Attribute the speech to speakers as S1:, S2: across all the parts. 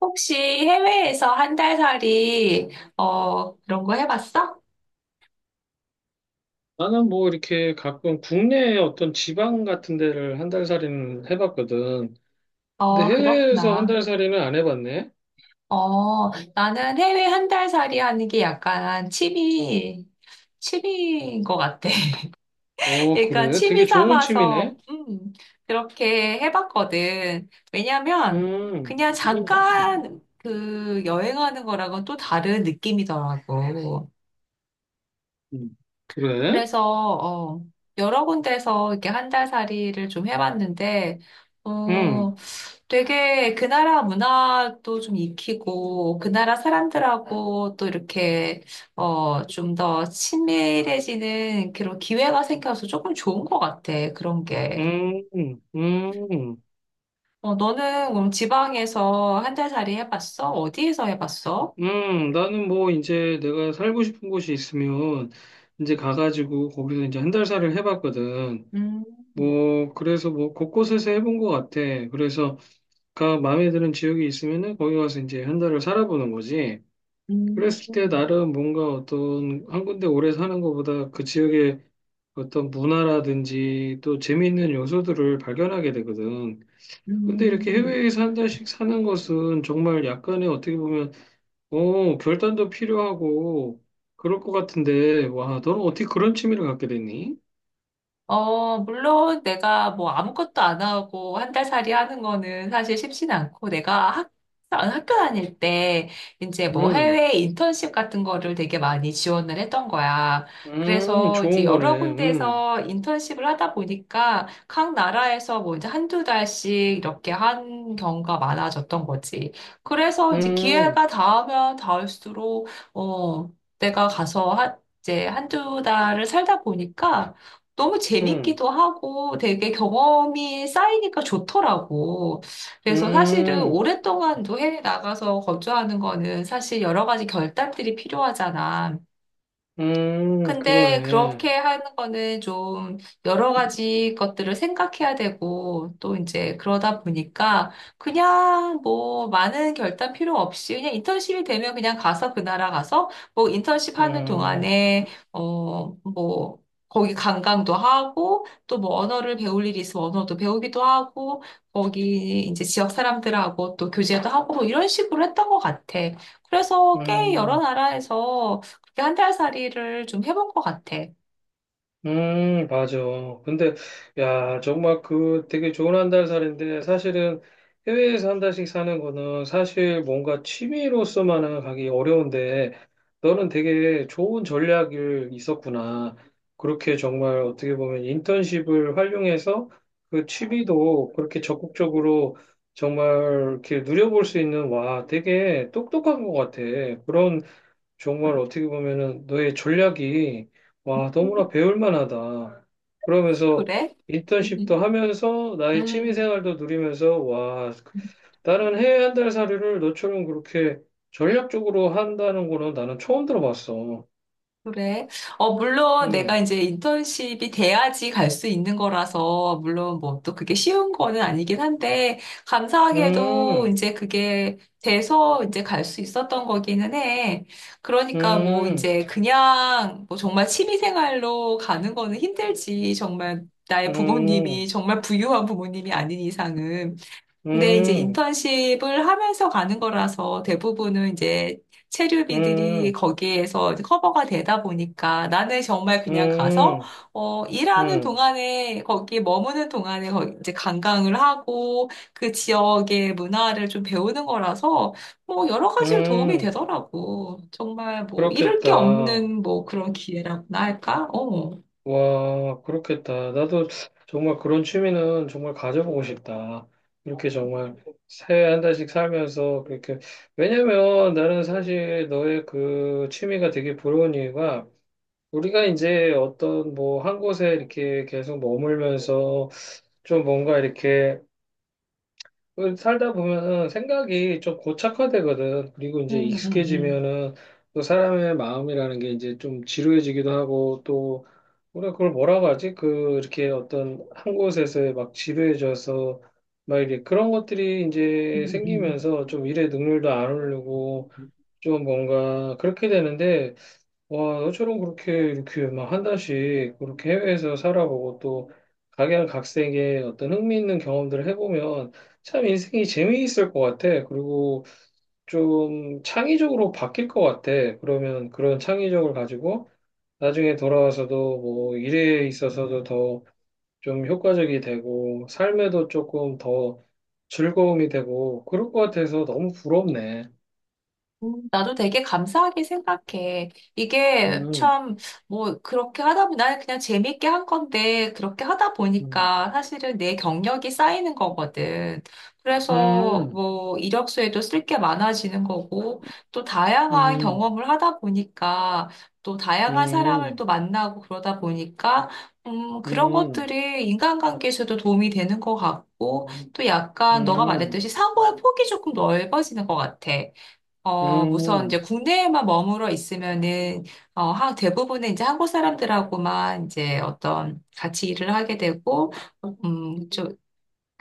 S1: 혹시 해외에서 한 달 살이, 그런 거 해봤어?
S2: 나는 뭐 이렇게 가끔 국내 어떤 지방 같은 데를 한 달 살이는 해봤거든. 근데
S1: 어,
S2: 해외에서 한
S1: 그렇구나.
S2: 달 살이는 안 해봤네.
S1: 나는 해외 한 달 살이 하는 게 약간 취미인 것 같아.
S2: 어,
S1: 그러니까
S2: 그래? 되게
S1: 취미
S2: 좋은
S1: 삼아서,
S2: 취미네.
S1: 그렇게 해봤거든. 왜냐면,
S2: 음,
S1: 그냥 잠깐 그 여행하는 거랑은 또 다른 느낌이더라고.
S2: 음. 그래?
S1: 그래서, 어, 여러 군데서 이렇게 한 달 살이를 좀 해봤는데, 어,
S2: 음,
S1: 되게 그 나라 문화도 좀 익히고, 그 나라 사람들하고 또 이렇게, 좀 더 친밀해지는 그런 기회가 생겨서 조금 좋은 것 같아, 그런 게.
S2: 음, 음,
S1: 어, 너는 그럼 지방에서 한 달 살이 해봤어? 어디에서 해봤어?
S2: 나는 뭐 이제 내가 살고 싶은 곳이 있으면 이제 가가지고 거기서 이제 한 달 살을 해봤거든.
S1: 음,
S2: 뭐 그래서 뭐 곳곳에서 해본 것 같아. 그래서 가 마음에 드는 지역이 있으면은 거기 가서 이제 한 달을 살아보는 거지.
S1: 음,
S2: 그랬을 때 나름 뭔가 어떤 한 군데 오래 사는 것보다 그 지역의 어떤 문화라든지 또 재미있는 요소들을 발견하게 되거든. 근데 이렇게
S1: 음.
S2: 해외에서 한 달씩 사는 것은 정말 약간의 어떻게 보면, 어, 결단도 필요하고 그럴 것 같은데, 와, 너는 어떻게 그런 취미를 갖게 됐니?
S1: 물론 내가 뭐 아무것도 안 하고 한 달 살이 하는 거는 사실 쉽진 않고 내가 학교 다닐 때 이제 뭐
S2: 음,
S1: 해외 인턴십 같은 거를 되게 많이 지원을 했던 거야. 그래서 이제
S2: 좋은
S1: 여러
S2: 거네.
S1: 군데에서 인턴십을 하다 보니까 각 나라에서 뭐 이제 한두 달씩 이렇게 한 경우가 많아졌던 거지. 그래서 이제
S2: 음,
S1: 기회가 닿으면 닿을수록 어, 내가 가서 한 이제 한두 달을 살다 보니까 너무
S2: 음,
S1: 재밌기도 하고 되게 경험이 쌓이니까 좋더라고. 그래서 사실은
S2: 음.
S1: 오랫동안도 해외 나가서 거주하는 거는 사실 여러 가지 결단들이 필요하잖아. 근데
S2: 그러네.
S1: 그렇게 하는 거는 좀 여러 가지 것들을 생각해야 되고 또 이제 그러다 보니까 그냥 뭐 많은 결단 필요 없이 그냥 인턴십이 되면 그냥 가서 그 나라 가서 뭐 인턴십 하는
S2: 음,
S1: 동안에 뭐 거기 관광도 하고 또 뭐 언어를 배울 일이 있으면 언어도 배우기도 하고 거기 이제 지역 사람들하고 또 교제도 하고 뭐 이런 식으로 했던 것 같아. 그래서 꽤 여러
S2: 음,
S1: 나라에서 한달살이를 좀 해본 것 같아.
S2: 맞아. 근데, 야, 정말 그 되게 좋은 한 달 살인데, 사실은 해외에서 한 달씩 사는 거는 사실 뭔가 취미로서만은 가기 어려운데, 너는 되게 좋은 전략이 있었구나. 그렇게 정말 어떻게 보면 인턴십을 활용해서 그 취미도 그렇게 적극적으로 정말 이렇게 누려볼 수 있는, 와, 되게 똑똑한 것 같아. 그런 정말 어떻게 보면은 너의 전략이 와, 너무나 배울 만하다. 그러면서
S1: 그래?
S2: 인턴십도
S1: 음,
S2: 하면서 나의 취미
S1: 음,
S2: 생활도 누리면서 와,
S1: 음,
S2: 나는 해외 한 달 사료를 너처럼 그렇게 전략적으로 한다는 거는 나는 처음 들어봤어.
S1: 그래. 물론 내가
S2: 음,
S1: 이제 인턴십이 돼야지 갈 수 있는 거라서, 물론 뭐 또 그게 쉬운 거는 아니긴 한데, 감사하게도
S2: 음,
S1: 이제 그게 돼서 이제 갈 수 있었던 거기는 해. 그러니까 뭐
S2: 음,
S1: 이제 그냥 뭐 정말 취미생활로 가는 거는 힘들지. 정말 나의
S2: 음,
S1: 부모님이 정말 부유한 부모님이 아닌 이상은. 근데 이제
S2: 음,
S1: 인턴십을 하면서 가는 거라서 대부분은 이제 체류비들이
S2: 음,
S1: 거기에서 이제 커버가 되다 보니까 나는 정말 그냥 가서
S2: 음,
S1: 일하는
S2: 음,
S1: 동안에 거기 머무는 동안에 이제 관광을 하고 그 지역의 문화를 좀 배우는 거라서 뭐 여러 가지로 도움이
S2: 음,
S1: 되더라고. 정말 뭐 잃을 게
S2: 그렇겠다.
S1: 없는 뭐 그런 기회라고나 할까? 어.
S2: 와, 그렇겠다. 나도 정말 그런 취미는 정말 가져보고 싶다. 이렇게 정말 새해 한 달씩 살면서 그렇게. 왜냐면 나는 사실 너의 그 취미가 되게 부러운 이유가 우리가 이제 어떤 뭐 한 곳에 이렇게 계속 머물면서 좀 뭔가 이렇게 그 살다 보면은 생각이 좀 고착화되거든. 그리고 이제
S1: 음, 음.
S2: 익숙해지면은 또 사람의 마음이라는 게 이제 좀 지루해지기도 하고 또 우리가 그걸 뭐라고 하지? 그 이렇게 어떤 한 곳에서 막 지루해져서 막 이렇게 그런 것들이
S1: 음,
S2: 이제
S1: 음.
S2: 생기면서 좀 일의 능률도 안 오르고 좀 뭔가 그렇게 되는데 와, 너처럼 그렇게 이렇게 막 한 달씩 그렇게 해외에서 살아보고 또 각양각색의 어떤 흥미있는 경험들을 해보면 참 인생이 재미있을 것 같아. 그리고 좀 창의적으로 바뀔 것 같아. 그러면 그런 창의적을 가지고 나중에 돌아와서도 뭐 일에 있어서도 더 좀 효과적이 되고 삶에도 조금 더 즐거움이 되고 그럴 것 같아서 너무 부럽네.
S1: 나도 되게 감사하게 생각해. 이게
S2: 음,
S1: 참, 뭐, 그렇게 하다 보니, 나는 그냥 재밌게 한 건데, 그렇게 하다
S2: 음,
S1: 보니까 사실은 내 경력이 쌓이는 거거든. 그래서
S2: 음,
S1: 뭐, 이력서에도 쓸 게 많아지는 거고, 또 다양한
S2: 음,
S1: 경험을 하다 보니까, 또 다양한 사람을
S2: 음.
S1: 또 만나고 그러다 보니까, 그런
S2: 음,
S1: 것들이 인간관계에서도 도움이 되는 것 같고, 또 약간 너가
S2: 음,
S1: 말했듯이 사고의 폭이 조금 넓어지는 것 같아.
S2: 음,
S1: 우선 이제
S2: 음,
S1: 국내에만 머물러 있으면은, 대부분은 이제 한국 사람들하고만 이제 어떤 같이 일을 하게 되고, 음,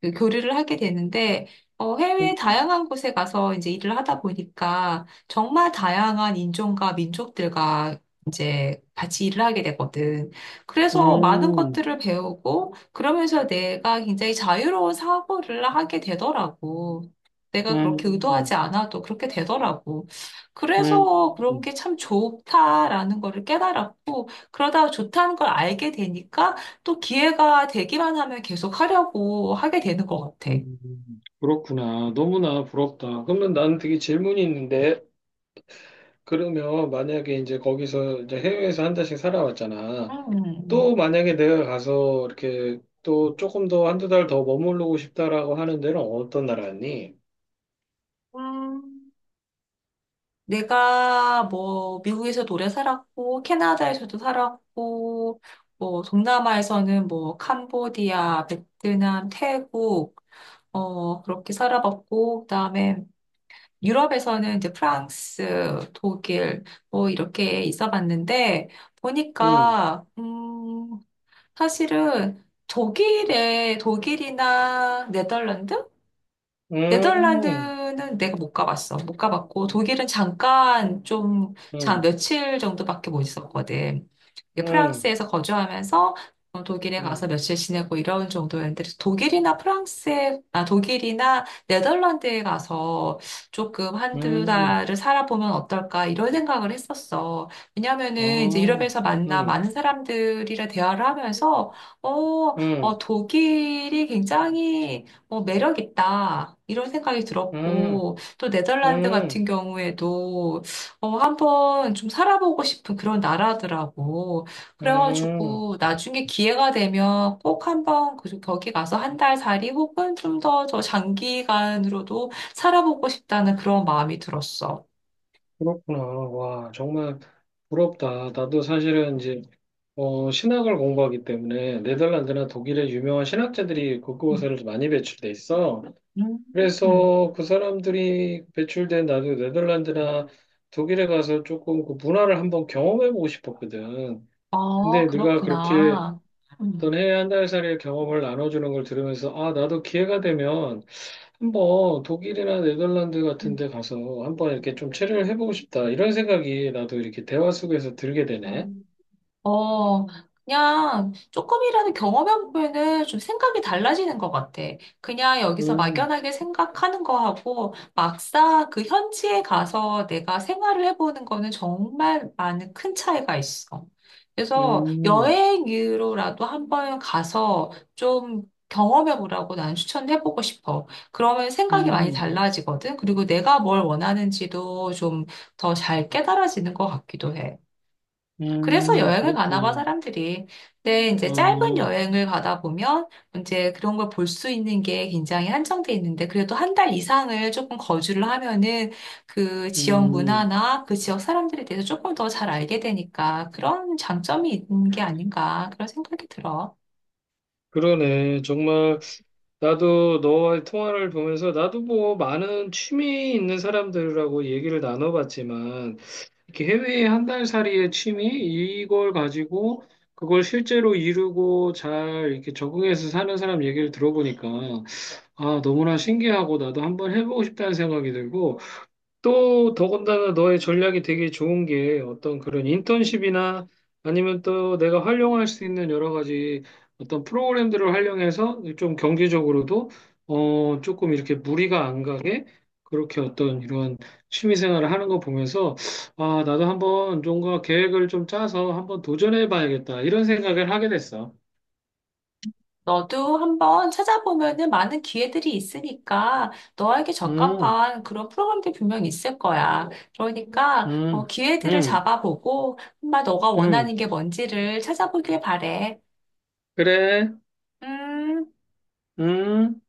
S1: 그 교류를 하게 되는데, 해외 다양한 곳에 가서 이제 일을 하다 보니까 정말 다양한 인종과 민족들과 이제 같이 일을 하게 되거든. 그래서 많은
S2: 음,
S1: 것들을 배우고 그러면서 내가 굉장히 자유로운 사고를 하게 되더라고. 내가 그렇게
S2: 음,
S1: 의도하지 않아도 그렇게 되더라고.
S2: 음,
S1: 그래서 그런 게 참 좋다라는 거를 깨달았고, 그러다 좋다는 걸 알게 되니까 또 기회가 되기만 하면 계속 하려고 하게 되는 것 같아.
S2: 그렇구나. 너무나 부럽다. 그러면 나는 되게 질문이 있는데, 그러면 만약에 이제 거기서 이제 해외에서 한 달씩 살아왔잖아.
S1: 음.
S2: 또 만약에 내가 가서 이렇게 또 조금 더 한두 달 더 머무르고 싶다라고 하는 데는 어떤 나라니?
S1: 음, 내가 뭐 미국에서 오래 살았고 캐나다에서도 살았고 뭐 동남아에서는 뭐 캄보디아, 베트남, 태국 그렇게 살아봤고 그다음에 유럽에서는 이제 프랑스, 독일 뭐 이렇게 있어봤는데
S2: 음,
S1: 보니까 사실은 독일이나 네덜란드?
S2: 음,
S1: 네덜란드는 내가 못 가봤어. 못 가봤고, 독일은 잠깐 좀,
S2: 음,
S1: 며칠 정도밖에 못 있었거든. 이게
S2: 음,
S1: 프랑스에서 거주하면서 독일에 가서
S2: 음,
S1: 며칠 지내고 이런 정도였는데, 아, 독일이나 네덜란드에 가서 조금 한두
S2: 음,
S1: 달을 살아보면 어떨까, 이런 생각을 했었어. 왜냐면은 이제
S2: 아,
S1: 유럽에서 만나
S2: 음,
S1: 많은 사람들이랑 대화를 하면서,
S2: 음.
S1: 독일이 굉장히 매력 있다. 이런 생각이
S2: 음,
S1: 들었고, 또 네덜란드 같은
S2: 음,
S1: 경우에도, 한번 좀 살아보고 싶은 그런 나라더라고.
S2: 음,
S1: 그래가지고, 나중에 기회가 되면 꼭 한번 거기 가서 한 달 살이 혹은 더 장기간으로도 살아보고 싶다는 그런 마음이 들었어.
S2: 그렇구나. 와, 정말 부럽다. 나도 사실은 이제, 어, 신학을 공부하기 때문에 네덜란드나 독일의 유명한 신학자들이 그곳에 많이 배출돼 있어.
S1: 음. 음,
S2: 그래서 그 사람들이 배출된 나도 네덜란드나 독일에 가서 조금 그 문화를 한번 경험해보고 싶었거든.
S1: 아,
S2: 근데 네가 그렇게
S1: 그렇구나.
S2: 어떤
S1: 음.
S2: 해외 한 달 살이의 경험을 나눠주는 걸 들으면서, 아, 나도 기회가 되면 한번 독일이나 네덜란드 같은 데 가서 한번 이렇게 좀 체류를 해보고 싶다. 이런 생각이 나도 이렇게 대화 속에서 들게 되네.
S1: 음. 어, 그냥 조금이라도 경험해보면은 좀 생각이 달라지는 것 같아. 그냥 여기서
S2: 음,
S1: 막연하게 생각하는 거하고 막상 그 현지에 가서 내가 생활을 해보는 거는 정말 많은 큰 차이가 있어. 그래서
S2: 음,
S1: 여행으로라도 한번 가서 좀 경험해보라고 난 추천해보고 싶어. 그러면 생각이 많이
S2: 음,
S1: 달라지거든. 그리고 내가 뭘 원하는지도 좀 더 잘 깨달아지는 것 같기도 해. 그래서 여행을 가나 봐,
S2: 그렇구나.
S1: 사람들이. 근데 이제 짧은
S2: 어,
S1: 여행을 가다 보면 이제 그런 걸 볼 수 있는 게 굉장히 한정돼 있는데 그래도 한 달 이상을 조금 거주를 하면은 그 지역
S2: 음,
S1: 문화나 그 지역 사람들에 대해서 조금 더 잘 알게 되니까 그런 장점이 있는 게 아닌가 그런 생각이 들어.
S2: 그러네. 정말 나도 너와의 통화를 보면서 나도 뭐 많은 취미 있는 사람들하고 얘기를 나눠봤지만 이렇게 해외의 한 달 살이의 취미 이걸 가지고 그걸 실제로 이루고 잘 이렇게 적응해서 사는 사람 얘기를 들어보니까 아, 너무나 신기하고 나도 한번 해보고 싶다는 생각이 들고 또 더군다나 너의 전략이 되게 좋은 게 어떤 그런 인턴십이나 아니면 또 내가 활용할 수 있는 여러 가지 어떤 프로그램들을 활용해서 좀 경제적으로도 어 조금 이렇게 무리가 안 가게 그렇게 어떤 이런 취미 생활을 하는 거 보면서 아, 나도 한번 뭔가 계획을 좀 짜서 한번 도전해 봐야겠다, 이런 생각을 하게 됐어.
S1: 너도 한번 찾아보면은 많은 기회들이 있으니까 너에게
S2: 음,
S1: 적합한 그런 프로그램들이 분명히 있을 거야. 그러니까
S2: 음,
S1: 기회들을
S2: 음,
S1: 잡아보고 정말 너가
S2: 음.
S1: 원하는 게 뭔지를 찾아보길 바래.
S2: 그래.
S1: 음.
S2: 음.